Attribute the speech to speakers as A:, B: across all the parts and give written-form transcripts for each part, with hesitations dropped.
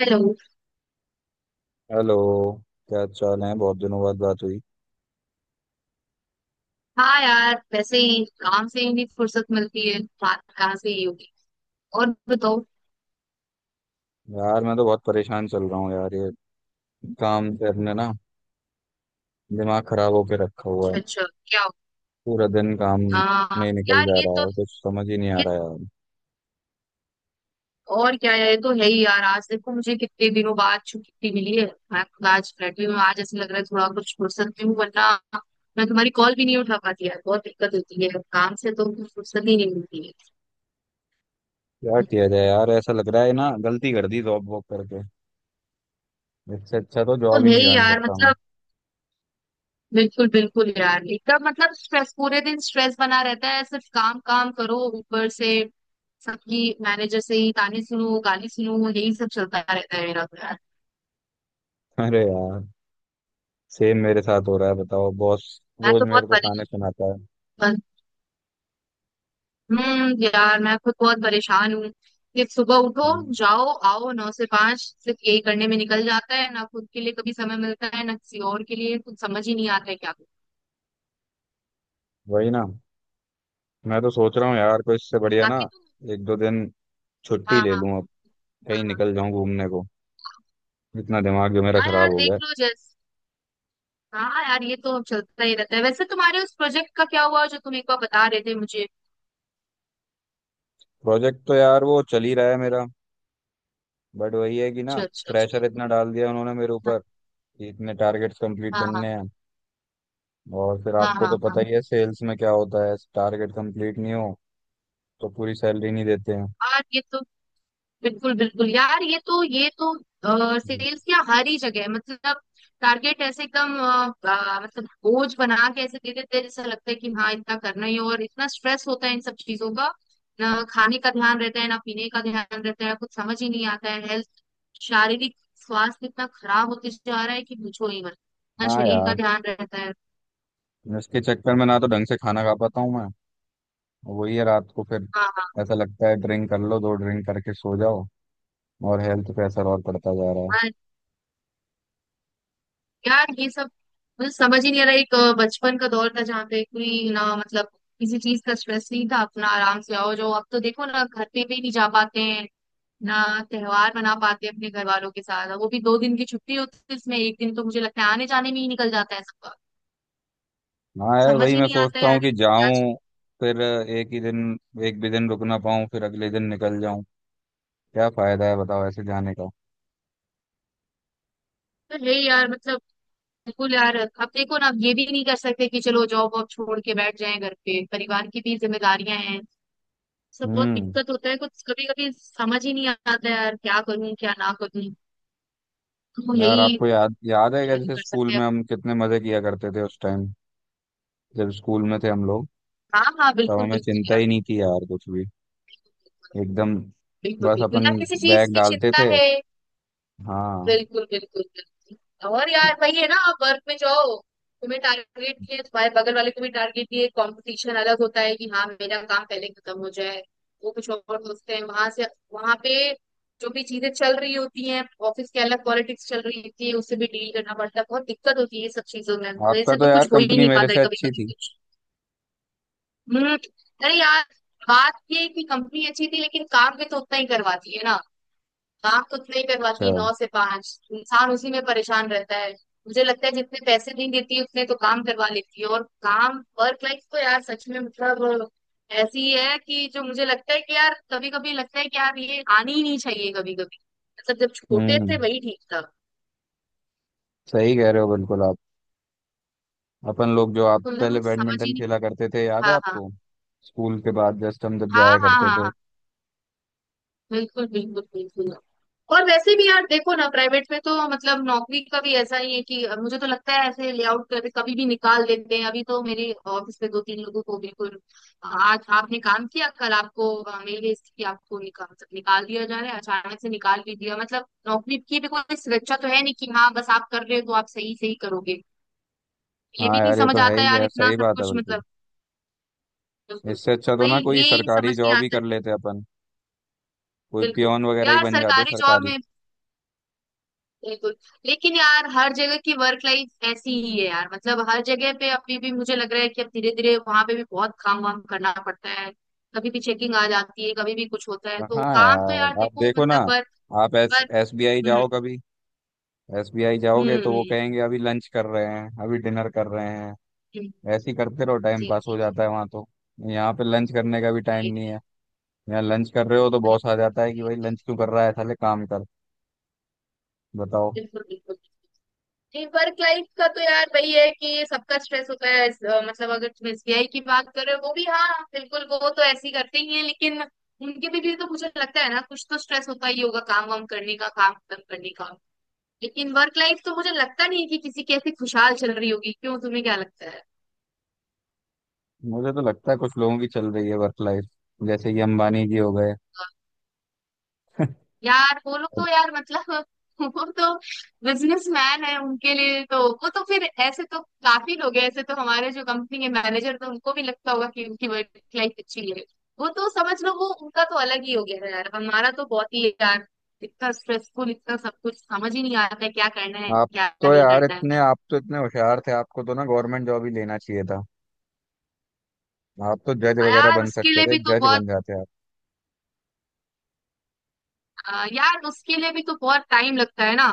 A: Hello.
B: Hello. क्या चाल है? बहुत दिनों बाद बात हुई।
A: हाँ यार, वैसे ही काम से ही भी फुर्सत मिलती है, बात कहाँ से ही होगी। और बताओ।
B: यार मैं तो बहुत परेशान चल रहा हूँ यार, ये काम से अपने ना दिमाग खराब होके रखा हुआ है।
A: अच्छा अच्छा। क्या हो।
B: पूरा दिन काम में
A: हाँ
B: ही निकल
A: यार
B: जा
A: ये
B: रहा
A: तो
B: है, कुछ समझ ही नहीं आ
A: ये
B: रहा यार।
A: और क्या है, ये तो है ही यार। आज देखो, मुझे कितने दिनों बाद छुट्टी मिली है। मैं खुद आज बैठी हूँ, आज ऐसे लग रहा है थोड़ा कुछ फुर्सत में हूँ, वरना मैं तुम्हारी कॉल भी नहीं उठा पाती यार। बहुत दिक्कत होती है, काम से तो कुछ फुर्सत ही नहीं मिलती है।
B: क्या किया जाए यार? ऐसा लग रहा है ना, गलती कर दी जॉब वॉब करके। इससे अच्छा तो
A: तो
B: जॉब ही
A: है
B: नहीं
A: ही
B: ज्वाइन
A: यार,
B: करता मैं।
A: मतलब बिल्कुल बिल्कुल यार, एकदम मतलब स्ट्रेस, पूरे दिन स्ट्रेस बना रहता है। सिर्फ काम काम करो, ऊपर से सबकी मैनेजर से ही ताने सुनो, गाली सुनो, यही सब चलता रहता है मेरा तो यार।
B: अरे यार, सेम मेरे साथ हो रहा है। बताओ, बॉस
A: मैं
B: रोज
A: तो बहुत
B: मेरे को ताने
A: परेशान।
B: सुनाता है।
A: यार, मैं खुद बहुत परेशान हूँ कि सुबह उठो,
B: हम्म,
A: जाओ आओ, नौ से पांच सिर्फ यही करने में निकल जाता है। ना खुद के लिए कभी समय मिलता है, ना किसी और के लिए। कुछ समझ ही नहीं आता है क्या करूं।
B: वही ना। मैं तो सोच रहा हूँ यार, कोई इससे बढ़िया ना,
A: बाकी तो
B: एक दो दिन छुट्टी
A: हाँ
B: ले
A: हाँ
B: लूँ अब। कहीं
A: हाँ हाँ।
B: निकल जाऊँ घूमने को,
A: हाँ
B: इतना दिमाग जो मेरा
A: हाँ
B: खराब
A: यार
B: हो
A: देख
B: गया है।
A: लो जैस हाँ यार, ये तो चलता ही रहता है। वैसे तुम्हारे उस प्रोजेक्ट का क्या हुआ जो तुम एक बार बता रहे थे मुझे।
B: प्रोजेक्ट तो यार वो चल ही रहा है मेरा, बट वही है कि ना,
A: अच्छा अच्छा अच्छा।
B: प्रेशर इतना डाल दिया उन्होंने मेरे
A: हाँ
B: ऊपर कि इतने टारगेट्स कंप्लीट
A: हाँ
B: करने हैं। और फिर
A: हाँ हाँ।
B: आपको तो
A: हाँ
B: पता
A: हाँ
B: ही है सेल्स में क्या होता है, टारगेट कंप्लीट नहीं हो तो पूरी सैलरी नहीं देते हैं।
A: यार ये तो बिल्कुल बिल्कुल यार, ये तो
B: हम्म।
A: सेल्स क्या हर ही जगह है, मतलब टारगेट ऐसे एकदम मतलब बोझ बना के ऐसे दे देते हैं, जैसा लगता है कि हाँ इतना करना ही है। और इतना स्ट्रेस होता है इन सब चीजों का, ना खाने का ध्यान रहता है, ना पीने का ध्यान रहता है। कुछ समझ ही नहीं आता है। हेल्थ, शारीरिक स्वास्थ्य इतना खराब होते जा रहा है कि पूछो ही मत। ना
B: हाँ
A: शरीर का
B: यार,
A: ध्यान रहता है।
B: इसके चक्कर में ना तो ढंग से खाना खा पाता हूँ मैं। वही है, रात को फिर
A: हाँ हाँ
B: ऐसा लगता है ड्रिंक कर लो, दो ड्रिंक करके सो जाओ, और हेल्थ पे असर और पड़ता जा रहा है।
A: हाँ। यार ये सब मुझे समझ ही नहीं आ रहा। एक बचपन का दौर था जहाँ पे कोई ना मतलब किसी चीज का स्ट्रेस नहीं था, अपना आराम से आओ जो। अब तो देखो ना, घर पे भी नहीं जा पाते हैं, ना त्योहार मना पाते हैं अपने घर वालों के साथ। वो भी दो दिन की छुट्टी होती है, इसमें एक दिन तो मुझे लगता है आने जाने में ही निकल जाता है सबका।
B: हाँ यार,
A: समझ
B: वही
A: ही
B: मैं
A: नहीं आता है
B: सोचता
A: यार
B: हूँ कि
A: ये क्या चीज़।
B: जाऊं, फिर एक ही दिन, एक भी दिन रुक ना पाऊं, फिर अगले दिन निकल जाऊं। क्या फायदा है बताओ ऐसे जाने का?
A: तो है यार, मतलब बिल्कुल यार। अब देखो ना, अब ये भी नहीं कर सकते कि चलो जॉब वॉब छोड़ के बैठ जाएं घर पे, परिवार की भी जिम्मेदारियां हैं सब। बहुत
B: हम्म।
A: दिक्कत होता है, कुछ कभी कभी समझ ही नहीं आता यार, क्या करूं क्या ना करूं। तो
B: यार,
A: यही
B: आपको याद याद है क्या,
A: क्या ही
B: जैसे
A: कर
B: स्कूल
A: सकते हैं।
B: में हम कितने मजे किया करते थे उस टाइम, जब स्कूल में थे हम लोग?
A: हाँ हाँ
B: तब
A: बिल्कुल
B: हमें
A: बिल्कुल
B: चिंता
A: यार।
B: ही नहीं थी यार कुछ भी,
A: बिल्कुल
B: एकदम।
A: बिल्कुल
B: बस
A: बिल्कुल,
B: अपन
A: ना किसी चीज
B: बैग
A: की
B: डालते
A: चिंता
B: थे।
A: है।
B: हाँ,
A: बिल्कुल बिल्कुल बिल्कुल। और यार वही है ना, आप वर्क में जाओ, तुम्हें टारगेट किए, तुम्हारे बगल वाले को भी टारगेट दिए, कंपटीशन अलग होता है कि हाँ मेरा काम पहले खत्म हो जाए, वो कुछ और सोचते हैं। वहां से, वहां पे जो भी चीजें चल रही होती हैं ऑफिस के, अलग पॉलिटिक्स चल रही होती है, उससे भी डील करना पड़ता है। बहुत दिक्कत होती है ये सब चीजों में,
B: आपका
A: वैसे
B: तो
A: तो
B: यार
A: कुछ हो ही
B: कंपनी
A: नहीं
B: मेरे
A: पाता है
B: से
A: कभी
B: अच्छी
A: कभी
B: थी।
A: कुछ। हम्म। अरे यार, बात ये है कि कंपनी अच्छी थी, लेकिन काम भी तो उतना ही करवाती है ना। काम कुछ नहीं
B: अच्छा।
A: करवाती, नौ से पांच इंसान उसी में परेशान रहता है। मुझे लगता है जितने पैसे नहीं देती, उतने तो काम करवा लेती है। और काम, वर्क लाइफ तो यार सच में मतलब ऐसी है, कि जो मुझे लगता है कि यार कभी कभी लगता है कि यार ये आनी ही नहीं चाहिए कभी कभी। मतलब जब छोटे थे
B: हम्म।
A: वही ठीक था।
B: सही कह रहे हो बिल्कुल आप। अपन लोग जो आप
A: तो
B: पहले
A: मतलब समझ ही
B: बैडमिंटन
A: नहीं।
B: खेला करते थे, याद है
A: हाँ हाँ
B: आपको? स्कूल के बाद जस्ट हम जब
A: हाँ
B: जाया
A: हाँ।
B: करते
A: हाँ
B: थे।
A: हाँ बिल्कुल बिल्कुल बिल्कुल। और वैसे भी यार देखो ना, प्राइवेट में तो मतलब नौकरी का भी ऐसा ही है कि अब मुझे तो लगता है ऐसे लेआउट करके कभी भी निकाल देते हैं। अभी तो मेरे ऑफिस में दो तीन लोगों को बिल्कुल आज आपने काम किया, कल आपको मेल भेज दी कि आपको निकाल, मतलब निकाल दिया जा रहा है, अचानक से निकाल भी दिया। मतलब नौकरी की भी कोई सुरक्षा तो है नहीं कि हाँ बस आप कर रहे हो तो आप सही सही करोगे। ये
B: हाँ
A: भी नहीं
B: यार, ये
A: समझ
B: तो है
A: आता
B: ही
A: यार,
B: यार,
A: इतना
B: सही
A: सब
B: बात है
A: कुछ
B: बिल्कुल।
A: मतलब बिल्कुल।
B: इससे अच्छा तो
A: वही
B: ना कोई
A: ये
B: सरकारी
A: समझ नहीं
B: जॉब ही
A: आता
B: कर लेते अपन, कोई
A: बिल्कुल।
B: पियोन वगैरह ही
A: यार
B: बन जाते
A: सरकारी जॉब
B: सरकारी।
A: में बिल्कुल, लेकिन यार हर जगह की वर्क लाइफ ऐसी ही है यार। मतलब हर जगह पे अभी भी मुझे लग रहा है कि अब धीरे धीरे वहां पे भी बहुत काम वाम करना पड़ता है। कभी भी चेकिंग आ जाती है, कभी भी कुछ होता है, तो
B: हाँ
A: काम तो यार
B: यार, आप
A: देखो
B: देखो ना,
A: मतलब वर्क
B: आप एस
A: वर्क।
B: एसबीआई
A: हम्म।
B: जाओ कभी। एसबीआई
A: हम्म।
B: जाओगे तो वो कहेंगे अभी लंच कर रहे हैं, अभी डिनर कर रहे हैं,
A: हम्म,
B: ऐसे ही करते रहो, टाइम
A: जी
B: पास
A: जी
B: हो
A: जी।
B: जाता है वहाँ तो। यहाँ पे लंच करने का भी टाइम
A: ये-
B: नहीं है। यहाँ लंच कर रहे हो तो
A: ये
B: बॉस आ जाता है कि भाई
A: तो
B: लंच क्यों कर रहा है साले, काम कर। बताओ।
A: बिल्कुल बिल्कुल। जी, वर्क लाइफ का तो यार वही है कि सबका स्ट्रेस होता है। मतलब अगर तुम एसबीआई की बात कर रहे हो, वो भी, हाँ बिल्कुल, वो तो ऐसे ही करते ही हैं, लेकिन उनके भी तो मुझे लगता है ना कुछ तो स्ट्रेस होता ही होगा काम वाम करने का, काम खत्म करने का। लेकिन वर्क लाइफ तो मुझे लगता नहीं कि किसी की ऐसी खुशहाल चल रही होगी। क्यों, तुम्हें क्या लगता है।
B: मुझे तो लगता है कुछ लोगों की चल रही है वर्क लाइफ, जैसे कि अंबानी जी हो गए।
A: यार वो लोग तो यार मतलब वो तो बिजनेसमैन है, उनके लिए तो वो तो फिर ऐसे तो। काफी लोग हैं ऐसे, तो हमारे जो कंपनी के मैनेजर, तो उनको भी लगता होगा कि उनकी वर्क लाइफ अच्छी है। वो तो समझ लो वो उनका तो अलग ही हो गया है यार, हमारा तो बहुत ही यार इतना स्ट्रेसफुल। इतना सब कुछ समझ ही नहीं आता है क्या करना है,
B: आप
A: क्या
B: तो
A: नहीं
B: यार
A: करना है।
B: इतने, आप तो इतने होशियार थे, आपको तो ना गवर्नमेंट जॉब ही लेना चाहिए था। आप तो जज वगैरह
A: यार
B: बन
A: उसके
B: सकते
A: लिए
B: थे,
A: भी तो
B: जज
A: बहुत
B: बन जाते आप।
A: यार उसके लिए भी तो बहुत टाइम लगता है ना।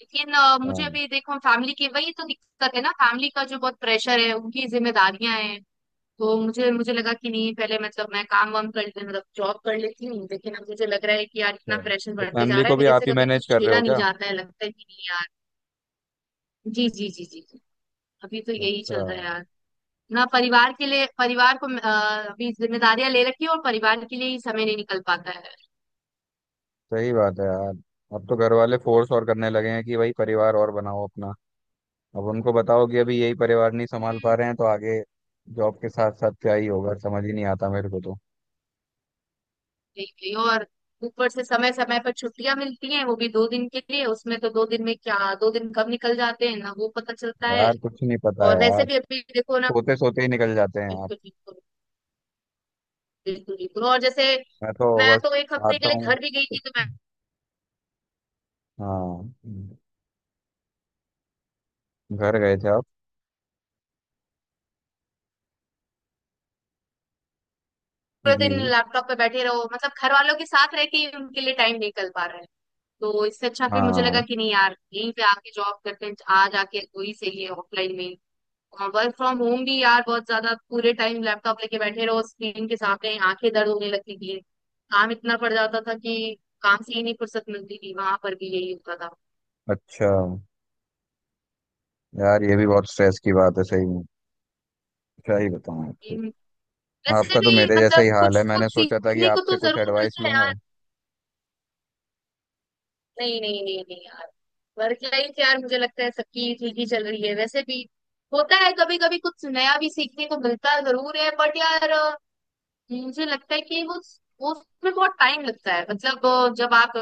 A: लेकिन मुझे
B: हाँ।
A: अभी देखो फैमिली की वही तो दिक्कत है ना, फैमिली का जो बहुत प्रेशर है, उनकी जिम्मेदारियां हैं। तो मुझे मुझे लगा कि नहीं पहले, मतलब मैं काम वाम कर ले, मतलब जॉब कर लेती हूँ, लेकिन अब मुझे लग रहा है कि यार इतना
B: अच्छा,
A: प्रेशर
B: तो
A: बढ़ते जा
B: फैमिली
A: रहा
B: को
A: है
B: भी
A: मेरे
B: आप
A: से
B: ही
A: कभी
B: मैनेज
A: कुछ
B: कर रहे हो
A: झेला नहीं
B: क्या?
A: जाता है, लगता है कि नहीं यार। जी जी जी जी जी, अभी तो यही
B: अच्छा।
A: चल रहा है यार। ना परिवार के लिए, परिवार को अभी जिम्मेदारियां ले रखी है, और परिवार के लिए ही समय नहीं निकल पाता
B: सही बात है यार। अब तो घर वाले फोर्स और करने लगे हैं कि भाई परिवार और बनाओ अपना। अब उनको बताओ कि अभी यही परिवार नहीं संभाल पा
A: है।
B: रहे हैं तो आगे जॉब के साथ साथ क्या ही होगा, समझ ही नहीं आता मेरे को तो।
A: यही यही। और ऊपर से समय समय पर छुट्टियां मिलती हैं वो भी दो दिन के लिए, उसमें तो दो दिन में क्या, दो दिन कब निकल जाते हैं ना वो पता चलता है।
B: यार, कुछ नहीं पता
A: और वैसे
B: यार,
A: भी अभी देखो ना,
B: सोते सोते ही निकल जाते हैं आप।
A: बिल्कुल बिल्कुल। बिल्कुल बिल्कुल और जैसे,
B: मैं तो
A: मैं
B: बस
A: तो एक हफ्ते के
B: आता
A: लिए
B: हूँ।
A: घर भी गई थी, तो मैं
B: हाँ, घर गए थे आप?
A: पूरे दिन
B: जी।
A: लैपटॉप पे बैठे रहो, मतलब घर वालों के साथ रह के ही उनके लिए टाइम निकल पा रहा है। तो इससे अच्छा फिर मुझे लगा
B: हाँ।
A: कि नहीं यार, यहीं पे आके जॉब करते हैं, आ जाके वही सही है ऑफलाइन में। वर्क फ्रॉम होम भी यार बहुत ज्यादा, पूरे टाइम लैपटॉप लेके बैठे रहो, स्क्रीन के सामने आंखें दर्द होने लगती थी, काम इतना पड़ जाता था कि काम से ही नहीं फुर्सत मिलती थी, वहां पर भी यही होता था।
B: अच्छा। यार, ये भी बहुत स्ट्रेस की बात है सही में, क्या ही बताऊँ आपको।
A: हम्म। वैसे
B: आपका तो
A: भी
B: मेरे जैसा
A: मतलब
B: ही हाल
A: कुछ
B: है, मैंने
A: कुछ
B: सोचा था कि
A: सीखने को
B: आपसे
A: तो
B: कुछ
A: जरूर
B: एडवाइस
A: मिलता है यार।
B: लूंगा।
A: नहीं नहीं नहीं नहीं यार, वर्क लाइफ यार मुझे लगता है सबकी ठीक ही चल रही है वैसे भी। होता है कभी कभी कुछ नया भी सीखने को मिलता जरूर है, बट यार मुझे लगता है कि वो उसमें बहुत टाइम लगता है, मतलब जब आप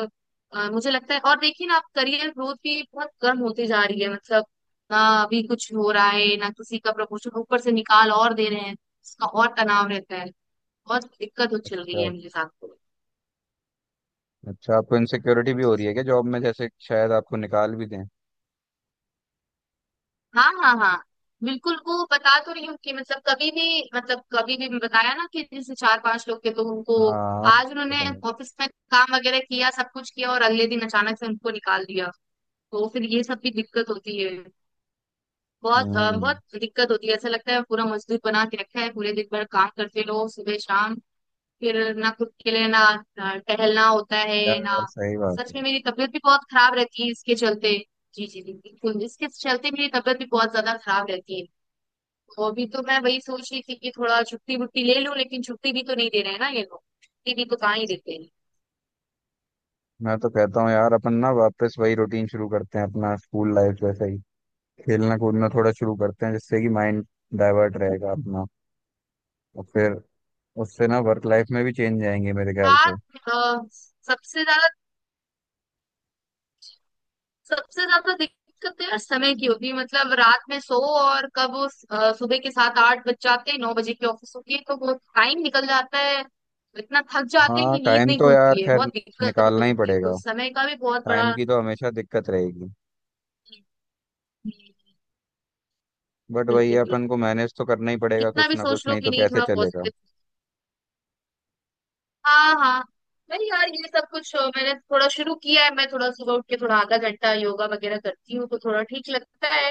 A: मुझे लगता है। और देखिए ना, आप करियर ग्रोथ भी बहुत कम होती जा रही है, मतलब ना अभी कुछ हो रहा है, ना किसी का प्रमोशन, ऊपर से निकाल और दे रहे हैं, उसका और तनाव रहता है। बहुत दिक्कत हो चल रही
B: अच्छा,
A: है मेरे साथ तो।
B: अच्छा। आपको इनसिक्योरिटी भी हो रही है क्या जॉब में, जैसे शायद आपको निकाल भी दें?
A: हाँ हाँ हाँ बिल्कुल, वो बता तो रही हूँ कि मतलब कभी भी, मतलब कभी भी बताया ना कि जैसे चार पांच लोग थे, तो उनको
B: हाँ,
A: आज उन्होंने
B: बताऊँ।
A: ऑफिस में काम वगैरह किया, सब कुछ किया, और अगले दिन अचानक से उनको निकाल दिया। तो फिर ये सब भी दिक्कत होती है। बहुत
B: हम्म
A: बहुत दिक्कत होती है। ऐसा लगता है पूरा मजदूर बना के रखा है, पूरे दिन भर काम करते रहो सुबह शाम। फिर ना खुद के लिए, ना टहलना होता है ना।
B: यार, सही बात है।
A: सच में मेरी तबीयत भी बहुत खराब रहती है इसके चलते। जी जी जी बिल्कुल, इसके चलते मेरी तबीयत भी बहुत ज्यादा खराब रहती है। तो अभी तो मैं वही सोच रही थी कि थोड़ा छुट्टी वुट्टी ले लूं, लेकिन छुट्टी भी तो नहीं दे रहे हैं ना ये लोग, छुट्टी भी तो कहाँ ही देते हैं।
B: मैं तो कहता हूँ यार, अपन ना वापस वही रूटीन शुरू करते हैं अपना, स्कूल लाइफ जैसे। खेलना कूदना थोड़ा शुरू करते हैं जिससे कि माइंड डाइवर्ट रहेगा अपना। और फिर उससे ना वर्क लाइफ में भी चेंज आएंगे मेरे ख्याल
A: बात
B: से।
A: अ, सबसे ज्यादा, सबसे ज्यादा दिक्कत तो यार समय की होती है, मतलब रात में सो, और कब वो सुबह के सात आठ बज जाते हैं, नौ बजे की ऑफिस होती है, तो वो टाइम निकल जाता है। इतना थक जाते हैं
B: हाँ,
A: कि नींद
B: टाइम
A: नहीं
B: तो यार
A: खुलती है।
B: खैर
A: बहुत दिक्कत
B: निकालना ही
A: होती है, तो
B: पड़ेगा,
A: समय का भी बहुत बड़ा।
B: टाइम की तो हमेशा दिक्कत रहेगी।
A: बिल्कुल
B: बट वही है,
A: बिल्कुल,
B: अपन को मैनेज तो करना ही पड़ेगा
A: कितना
B: कुछ
A: भी
B: ना
A: सोच
B: कुछ,
A: लो
B: नहीं
A: कि
B: तो
A: नहीं
B: कैसे
A: थोड़ा
B: चलेगा।
A: पॉजिटिव। हाँ हाँ, नहीं यार ये सब कुछ मैंने थोड़ा शुरू किया है, मैं थोड़ा सुबह उठ के थोड़ा आधा घंटा योगा वगैरह करती हूँ, तो थोड़ा ठीक लगता है।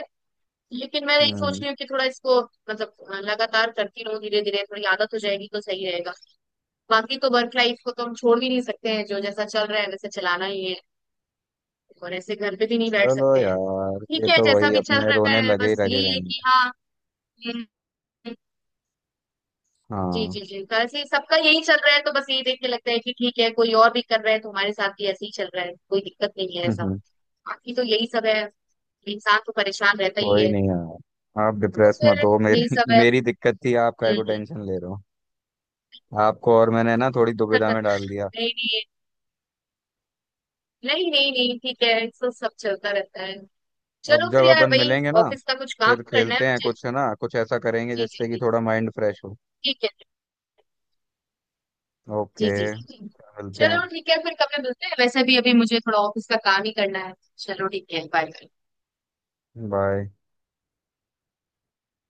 A: लेकिन मैं यही सोच
B: हम्म।
A: रही हूँ कि थोड़ा इसको मतलब लगातार करती रहूँ, धीरे धीरे थोड़ी आदत हो जाएगी तो सही रहेगा। बाकी तो वर्क लाइफ को तो हम छोड़ भी नहीं सकते हैं, जो जैसा चल रहा है वैसे चलाना ही है। और ऐसे घर पे भी नहीं बैठ
B: चलो
A: सकते हैं,
B: यार,
A: ठीक
B: ये
A: है
B: तो
A: जैसा
B: वही,
A: भी चल
B: अपने
A: रहा
B: रोने
A: है,
B: लगे ही
A: बस
B: लगे
A: यही है
B: रहेंगे।
A: कि हाँ। हम्म, जी जी
B: हाँ।
A: जी। वैसे सबका यही चल रहा है, तो बस यही देख के लगता है कि ठीक है, कोई और भी कर रहा है तो हमारे साथ भी ऐसे ही चल रहा है, कोई दिक्कत नहीं है
B: हम्म,
A: ऐसा।
B: हम्म,
A: बाकी तो यही सब है, इंसान तो परेशान रहता ही
B: कोई
A: है।
B: नहीं यार, आप
A: तो
B: डिप्रेस
A: फिर
B: मत हो,
A: यही
B: मेरी
A: सब है।
B: मेरी दिक्कत थी, आप
A: हम्म,
B: काय को
A: हम्म।
B: टेंशन ले रहे हो। आपको और मैंने ना थोड़ी दुविधा में डाल दिया।
A: नहीं नहीं। नहीं नहीं नहीं, ठीक है तो सब चलता रहता है।
B: अब
A: चलो
B: जब
A: फिर यार
B: अपन
A: वही,
B: मिलेंगे ना,
A: ऑफिस का कुछ काम
B: फिर
A: करना है
B: खेलते हैं
A: मुझे।
B: कुछ, है ना, कुछ ऐसा करेंगे
A: जी जी
B: जिससे कि
A: जी,
B: थोड़ा माइंड फ्रेश हो।
A: ठीक है। जी
B: ओके,
A: जी जी जी।
B: मिलते हैं।
A: चलो ठीक है, फिर कभी मिलते हैं, वैसे भी अभी मुझे थोड़ा ऑफिस का काम ही करना है। चलो ठीक है, बाय।
B: बाय।